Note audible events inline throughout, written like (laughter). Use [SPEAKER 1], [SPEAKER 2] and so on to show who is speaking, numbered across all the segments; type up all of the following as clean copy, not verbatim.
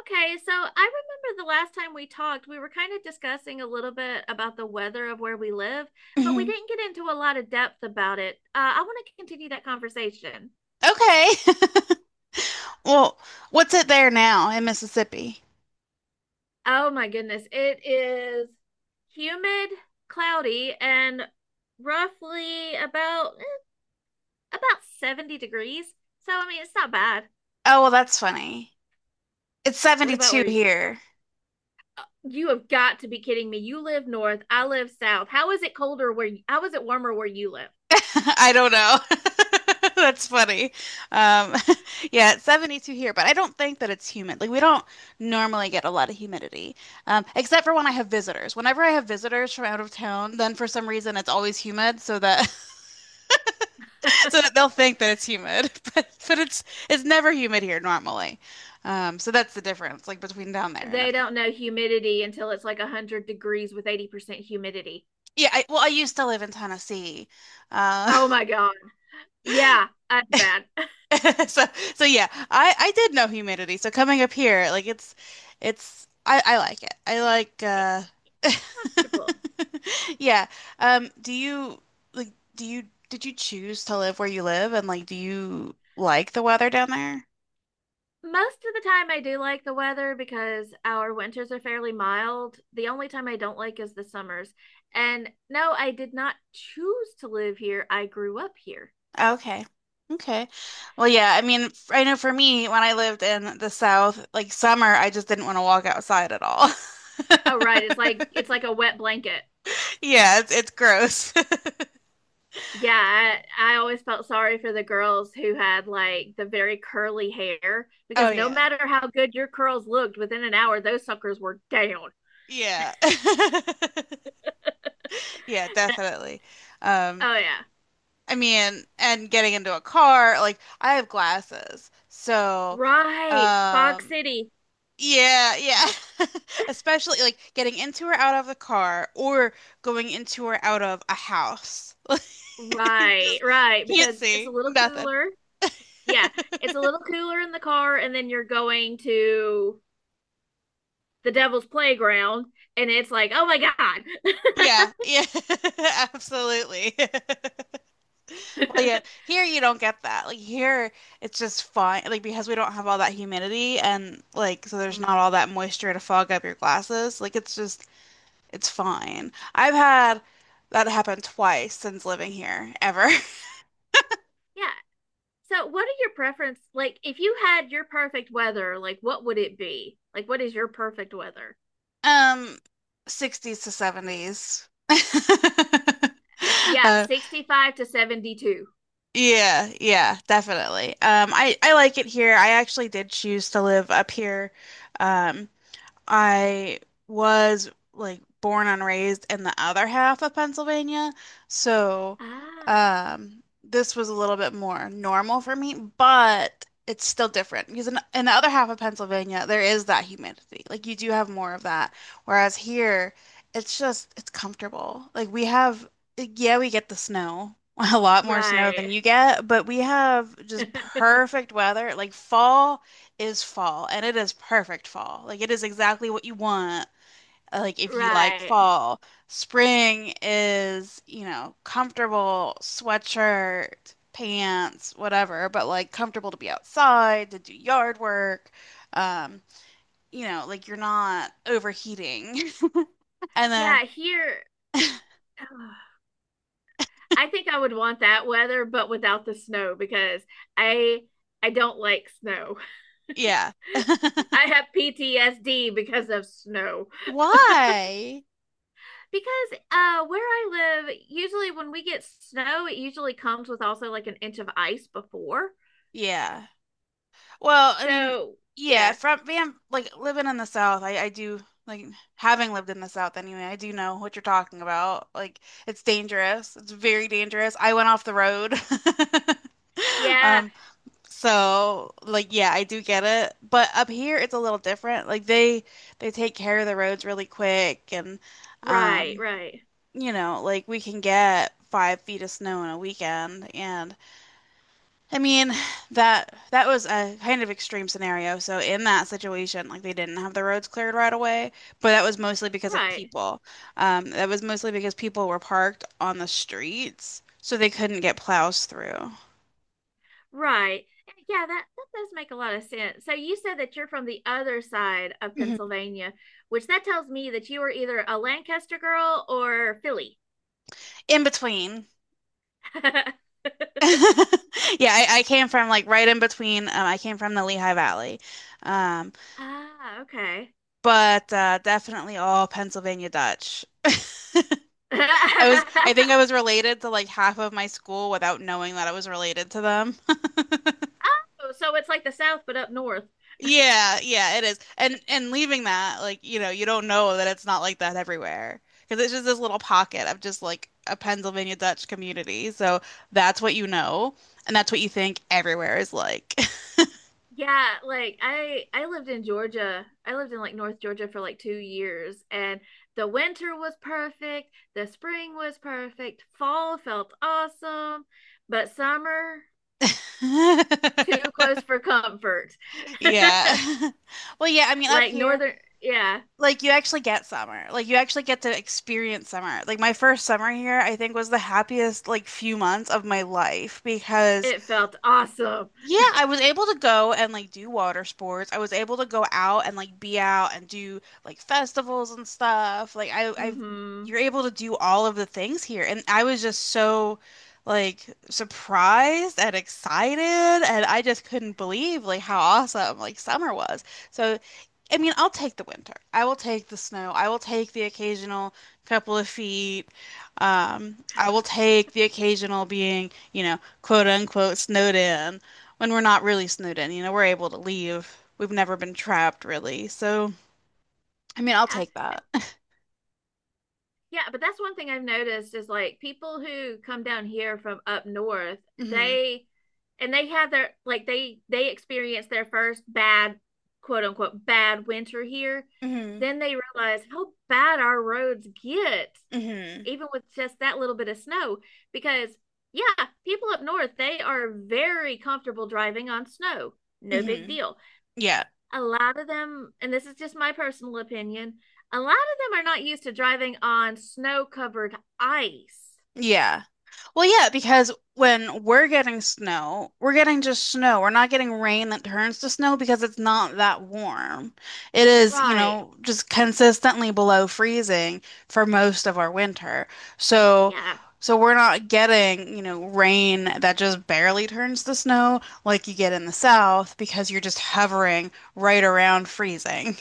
[SPEAKER 1] Okay, so I remember the last time we talked, we were kind of discussing a little bit about the weather of where we live, but we
[SPEAKER 2] hmm
[SPEAKER 1] didn't get into a lot of depth about it. I want to continue that conversation.
[SPEAKER 2] Okay. (laughs) Well, what's it there now in Mississippi?
[SPEAKER 1] Oh my goodness, it is humid, cloudy, and roughly about about 70 degrees. So I mean, it's not bad.
[SPEAKER 2] Oh, well, that's funny. It's
[SPEAKER 1] What about where
[SPEAKER 2] 72
[SPEAKER 1] you?
[SPEAKER 2] here.
[SPEAKER 1] You have got to be kidding me. You live north, I live south. How is it colder where you, how Is it warmer where you live?
[SPEAKER 2] (laughs) I don't know. (laughs) That's funny. Um, (laughs) yeah, it's 72 here, but I don't think that it's humid. Like, we don't normally get a lot of humidity, except for when I have visitors. Whenever I have visitors from out of town, then for some reason it's always humid, so that (laughs) so that
[SPEAKER 1] (laughs)
[SPEAKER 2] they'll think that it's humid. (laughs) But it's never humid here normally. So that's the difference, like between down there and.
[SPEAKER 1] They don't know humidity until it's like 100 degrees with 80% humidity.
[SPEAKER 2] Yeah, well, I used to live in Tennessee. Uh,
[SPEAKER 1] Oh my God. Yeah, that's bad. (laughs)
[SPEAKER 2] (laughs) so so yeah, I did know humidity. So coming up here, like it's I like it. I like
[SPEAKER 1] It's comfortable.
[SPEAKER 2] (laughs) Yeah. Do you do you did you choose to live where you live and like do you like the weather down there?
[SPEAKER 1] Most of the time, I do like the weather because our winters are fairly mild. The only time I don't like is the summers. And no, I did not choose to live here. I grew up here.
[SPEAKER 2] Okay. Okay. Well, yeah, I mean, I know for me, when I lived in the South, like summer, I just didn't want to walk outside at all. (laughs)
[SPEAKER 1] Oh, right. It's like a wet blanket.
[SPEAKER 2] Yeah, it's gross. (laughs)
[SPEAKER 1] Yeah, I always felt sorry for the girls who had like the very curly hair
[SPEAKER 2] Oh
[SPEAKER 1] because no
[SPEAKER 2] yeah.
[SPEAKER 1] matter how good your curls looked, within an hour those suckers were down.
[SPEAKER 2] Yeah. (laughs) Yeah,
[SPEAKER 1] And,
[SPEAKER 2] definitely. Um,
[SPEAKER 1] oh yeah.
[SPEAKER 2] I mean, and getting into a car, like I have glasses. So,
[SPEAKER 1] Right. Fog
[SPEAKER 2] um,
[SPEAKER 1] City.
[SPEAKER 2] yeah, yeah. (laughs) Especially like getting into or out of the car or going into or out of a house. (laughs) Like you
[SPEAKER 1] Right,
[SPEAKER 2] just
[SPEAKER 1] right,
[SPEAKER 2] can't
[SPEAKER 1] because it's a
[SPEAKER 2] see
[SPEAKER 1] little
[SPEAKER 2] nothing.
[SPEAKER 1] cooler. Yeah, it's a little cooler in the car and then you're going to the Devil's Playground and it's like, "Oh my God."
[SPEAKER 2] Yeah, yeah. (laughs) Absolutely. (laughs) Well, yeah, here you don't get that. Like here, it's just fine. Like because we don't have all that humidity and like so there's not all that moisture to fog up your glasses. Like it's just it's fine. I've had that happen twice since living here ever. (laughs)
[SPEAKER 1] (laughs) Yeah. So, what are your preference? Like, if you had your perfect weather, like, what would it be? Like, what is your perfect weather?
[SPEAKER 2] Um, 60s to 70s. (laughs)
[SPEAKER 1] Yeah,
[SPEAKER 2] Uh,
[SPEAKER 1] 65 to 72.
[SPEAKER 2] yeah, yeah, definitely. I like it here. I actually did choose to live up here, um, I was like born and raised in the other half of Pennsylvania, so
[SPEAKER 1] Ah,
[SPEAKER 2] this was a little bit more normal for me, but it's still different because in the other half of Pennsylvania, there is that humidity. Like you do have more of that, whereas here, it's just it's comfortable. Like we have, yeah, we get the snow. (laughs) A lot more snow than
[SPEAKER 1] right.
[SPEAKER 2] you get, but we have just
[SPEAKER 1] (laughs)
[SPEAKER 2] perfect weather. Like fall is fall and it is perfect fall. Like it is exactly what you want. Like if you like
[SPEAKER 1] Right.
[SPEAKER 2] fall, spring is, you know, comfortable sweatshirt, pants, whatever, but like comfortable to be outside, to do yard work. Um, you know, like you're not overheating. (laughs) And then
[SPEAKER 1] Yeah, here,
[SPEAKER 2] (laughs)
[SPEAKER 1] (sighs) I think I would want that weather, but without the snow because I I don't like snow.
[SPEAKER 2] yeah.
[SPEAKER 1] (laughs) I
[SPEAKER 2] (laughs)
[SPEAKER 1] have PTSD because of snow.
[SPEAKER 2] Why?
[SPEAKER 1] Because where I live, usually when we get snow, it usually comes with also like an inch of ice before.
[SPEAKER 2] Yeah. Well, I mean,
[SPEAKER 1] So,
[SPEAKER 2] yeah,
[SPEAKER 1] yeah.
[SPEAKER 2] from being like living in the South, I do like having lived in the South anyway, I do know what you're talking about. Like it's dangerous. It's very dangerous. I went off the road. (laughs)
[SPEAKER 1] Yeah,
[SPEAKER 2] Um, so like yeah, I do get it. But up here it's a little different. Like they take care of the roads really quick and
[SPEAKER 1] right,
[SPEAKER 2] um,
[SPEAKER 1] right.
[SPEAKER 2] you know, like we can get 5 feet of snow in a weekend and I mean, that was a kind of extreme scenario. So in that situation, like they didn't have the roads cleared right away, but that was mostly because of
[SPEAKER 1] Right.
[SPEAKER 2] people. That was mostly because people were parked on the streets, so they couldn't get plows through.
[SPEAKER 1] Right. Yeah, that that does make a lot of sense. So you said that you're from the other side of
[SPEAKER 2] Mhm.
[SPEAKER 1] Pennsylvania, which that tells me that you are either a Lancaster girl or Philly.
[SPEAKER 2] In between.
[SPEAKER 1] (laughs)
[SPEAKER 2] (laughs) Yeah, I came from like right in between. I came from the Lehigh Valley. Um,
[SPEAKER 1] Ah, okay.
[SPEAKER 2] but definitely all Pennsylvania Dutch.
[SPEAKER 1] (laughs)
[SPEAKER 2] I think I was related to like half of my school without knowing that I was related to them.
[SPEAKER 1] Oh, so it's like the South but up north.
[SPEAKER 2] Yeah, yeah, it is. And leaving that, like, you know, you don't know that it's not like that everywhere. Because it's just this little pocket of just like a Pennsylvania Dutch community. So that's what you know, and that's what you think everywhere is like.
[SPEAKER 1] Yeah, like I lived in Georgia. I lived in like North Georgia for like 2 years and the winter was perfect, the spring was perfect, fall felt awesome, but summer too
[SPEAKER 2] (laughs)
[SPEAKER 1] close for comfort. (laughs)
[SPEAKER 2] Yeah. (laughs) Well, yeah, I mean up
[SPEAKER 1] Like
[SPEAKER 2] here,
[SPEAKER 1] northern, yeah,
[SPEAKER 2] like you actually get summer. Like you actually get to experience summer. Like my first summer here, I think was the happiest like few months of my life because
[SPEAKER 1] it felt awesome.
[SPEAKER 2] Yeah, I was able to go and like do water sports. I was able to go out and like be out and do like festivals and stuff. Like I've you're
[SPEAKER 1] Mhm.
[SPEAKER 2] able to do all of the things here. And I was just so like surprised and excited and I just couldn't believe like how awesome like summer was. So I mean, I'll take the winter. I will take the snow. I will take the occasional couple of feet. I will take the occasional being, you know, quote unquote snowed in when we're not really snowed in. You know, we're able to leave. We've never been trapped really. So, I mean, I'll
[SPEAKER 1] Yeah.
[SPEAKER 2] take that.
[SPEAKER 1] and-
[SPEAKER 2] (laughs)
[SPEAKER 1] Yeah, but that's one thing I've noticed is like people who come down here from up north,
[SPEAKER 2] hmm
[SPEAKER 1] they and they had their like they experienced their first bad quote unquote bad winter here,
[SPEAKER 2] hmm
[SPEAKER 1] then they realized how bad our roads get
[SPEAKER 2] hmm
[SPEAKER 1] even with just that little bit of snow, because yeah, people up north, they are very comfortable driving on snow, no big
[SPEAKER 2] hmm
[SPEAKER 1] deal,
[SPEAKER 2] Yeah.
[SPEAKER 1] a lot of them, and this is just my personal opinion, a lot of them are not used to driving on snow covered ice.
[SPEAKER 2] Yeah. Well, yeah, because when we're getting snow, we're getting just snow. We're not getting rain that turns to snow because it's not that warm. It is, you
[SPEAKER 1] Right.
[SPEAKER 2] know, just consistently below freezing for most of our winter. So,
[SPEAKER 1] Yeah.
[SPEAKER 2] so we're not getting, you know, rain that just barely turns to snow like you get in the south because you're just hovering right around freezing.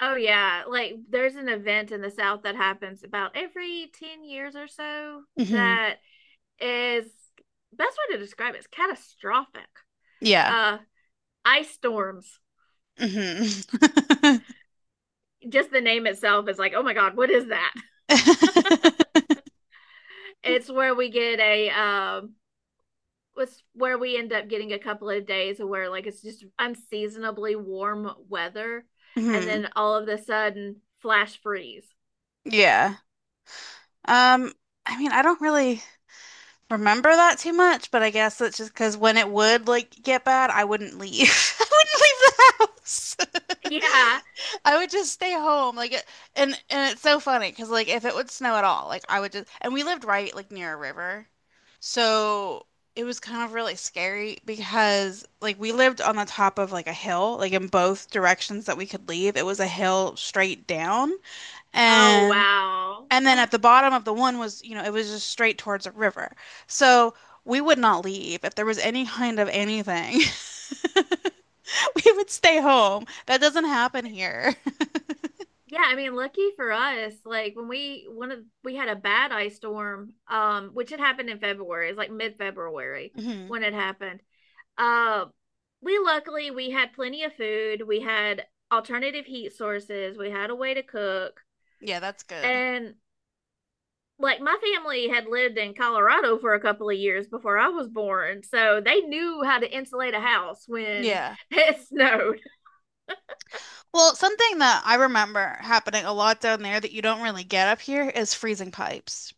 [SPEAKER 1] Oh yeah, like there's an event in the South that happens about every 10 years or so
[SPEAKER 2] hmm
[SPEAKER 1] that is, best way to describe it is catastrophic.
[SPEAKER 2] Yeah.
[SPEAKER 1] Uh Ice storms.
[SPEAKER 2] hmm (laughs)
[SPEAKER 1] Just the name itself is like, "Oh my god, what is that?" (laughs)
[SPEAKER 2] (laughs)
[SPEAKER 1] It's where we get a was where we end up getting a couple of days where like it's just unseasonably warm weather and
[SPEAKER 2] hmm
[SPEAKER 1] then all of a sudden flash freeze.
[SPEAKER 2] Yeah. Um, I mean, I don't really remember that too much, but I guess that's just because when it would like get bad, I wouldn't leave. (laughs) I wouldn't leave the house.
[SPEAKER 1] (laughs) Yeah.
[SPEAKER 2] (laughs) I would just stay home. Like, it- and it's so funny because like if it would snow at all, like I would just and we lived right like near a river, so it was kind of really scary because like we lived on the top of like a hill, like in both directions that we could leave. It was a hill straight down.
[SPEAKER 1] Oh
[SPEAKER 2] And
[SPEAKER 1] wow.
[SPEAKER 2] and then at
[SPEAKER 1] (laughs)
[SPEAKER 2] the bottom of the one was, you know, it was just straight towards a river. So we would not leave. If there was any kind of anything, (laughs) we would stay home. That doesn't happen here. (laughs)
[SPEAKER 1] Yeah, I mean, lucky for us, like when we one of we had a bad ice storm, which had happened in February, it's like mid-February
[SPEAKER 2] Mhm.
[SPEAKER 1] when it happened. Uh, we luckily, we had plenty of food, we had alternative heat sources, we had a way to cook,
[SPEAKER 2] Yeah, that's good.
[SPEAKER 1] and like my family had lived in Colorado for a couple of years before I was born, so they knew how to insulate a house when
[SPEAKER 2] Yeah.
[SPEAKER 1] (laughs) it snowed.
[SPEAKER 2] Well, something that I remember happening a lot down there that you don't really get up here is freezing pipes.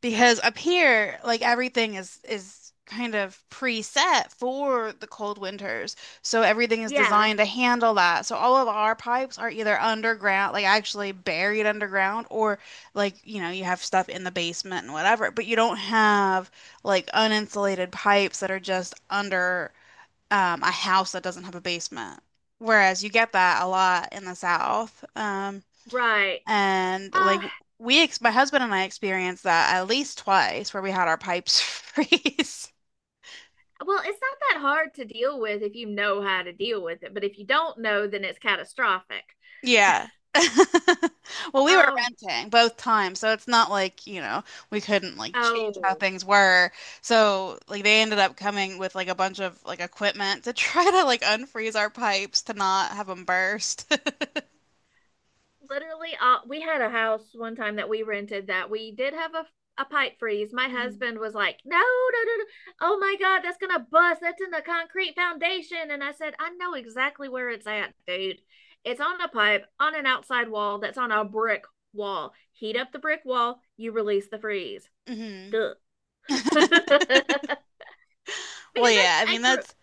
[SPEAKER 2] Because up here, like everything is kind of preset for the cold winters. So everything is
[SPEAKER 1] Yeah,
[SPEAKER 2] designed to handle that. So all of our pipes are either underground, like actually buried underground, or like, you know, you have stuff in the basement and whatever, but you don't have like uninsulated pipes that are just under a house that doesn't have a basement. Whereas you get that a lot in the South.
[SPEAKER 1] right.
[SPEAKER 2] And like
[SPEAKER 1] Uh,
[SPEAKER 2] we ex my husband and I experienced that at least twice where we had our pipes (laughs) freeze.
[SPEAKER 1] Well, it's not that hard to deal with if you know how to deal with it, but if you don't know, then it's catastrophic.
[SPEAKER 2] Yeah. (laughs) Well, we were
[SPEAKER 1] Um,
[SPEAKER 2] renting both times, so it's not like, you know, we couldn't like change how
[SPEAKER 1] oh,
[SPEAKER 2] things were. So, like they ended up coming with like a bunch of like equipment to (laughs) try to like unfreeze our pipes to not have them burst. (laughs)
[SPEAKER 1] Literally, we had a house one time that we rented that we did have a pipe freeze. My
[SPEAKER 2] Mhm.
[SPEAKER 1] husband was like, "No, no, no, no. Oh my God, that's gonna bust. That's in the concrete foundation." And I said, "I know exactly where it's at, dude. It's on a pipe on an outside wall that's on a brick wall. Heat up the brick wall, you release the freeze."
[SPEAKER 2] Mhm.
[SPEAKER 1] Duh. (laughs) because
[SPEAKER 2] Well, yeah, I
[SPEAKER 1] I
[SPEAKER 2] mean
[SPEAKER 1] grew
[SPEAKER 2] that's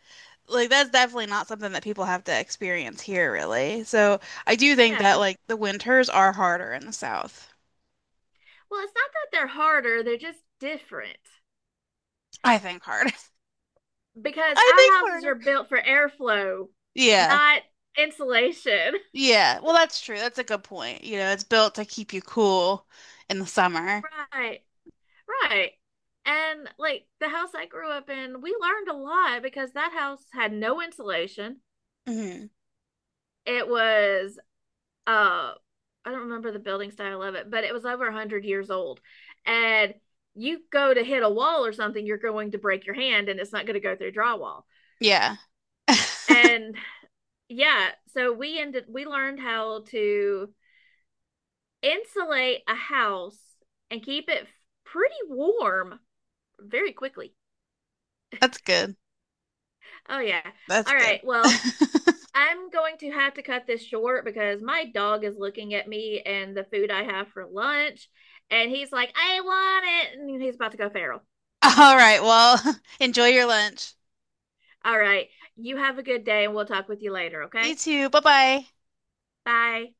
[SPEAKER 2] like that's definitely not something that people have to experience here, really. So I do think that
[SPEAKER 1] Yeah.
[SPEAKER 2] like the winters are harder in the South.
[SPEAKER 1] Well, it's not that they're harder, they're just different
[SPEAKER 2] I think harder. (laughs)
[SPEAKER 1] because
[SPEAKER 2] I think
[SPEAKER 1] our houses
[SPEAKER 2] harder.
[SPEAKER 1] are built for airflow,
[SPEAKER 2] Yeah.
[SPEAKER 1] not insulation. (laughs)
[SPEAKER 2] Yeah. Well, that's true. That's a good point. You know, it's built to keep you cool in the summer.
[SPEAKER 1] Right. Right. And like the house I grew up in, we learned a lot because that house had no insulation.
[SPEAKER 2] hmm
[SPEAKER 1] It was uh I don't remember the building style of it, but it was over 100 years old. And you go to hit a wall or something, you're going to break your hand and it's not going to go through drywall.
[SPEAKER 2] Yeah. (laughs)
[SPEAKER 1] And yeah, so we learned how to insulate a house and keep it pretty warm very quickly.
[SPEAKER 2] That's good.
[SPEAKER 1] Oh yeah.
[SPEAKER 2] That's
[SPEAKER 1] All
[SPEAKER 2] good.
[SPEAKER 1] right. Well,
[SPEAKER 2] (laughs)
[SPEAKER 1] I'm going to have to cut this short because my dog is looking at me and the food I have for lunch and he's like, "I want it." And he's about to go feral.
[SPEAKER 2] All right. Well, (laughs) enjoy your lunch.
[SPEAKER 1] All right. You have a good day and we'll talk with you later,
[SPEAKER 2] You
[SPEAKER 1] okay?
[SPEAKER 2] too. Bye-bye.
[SPEAKER 1] Bye.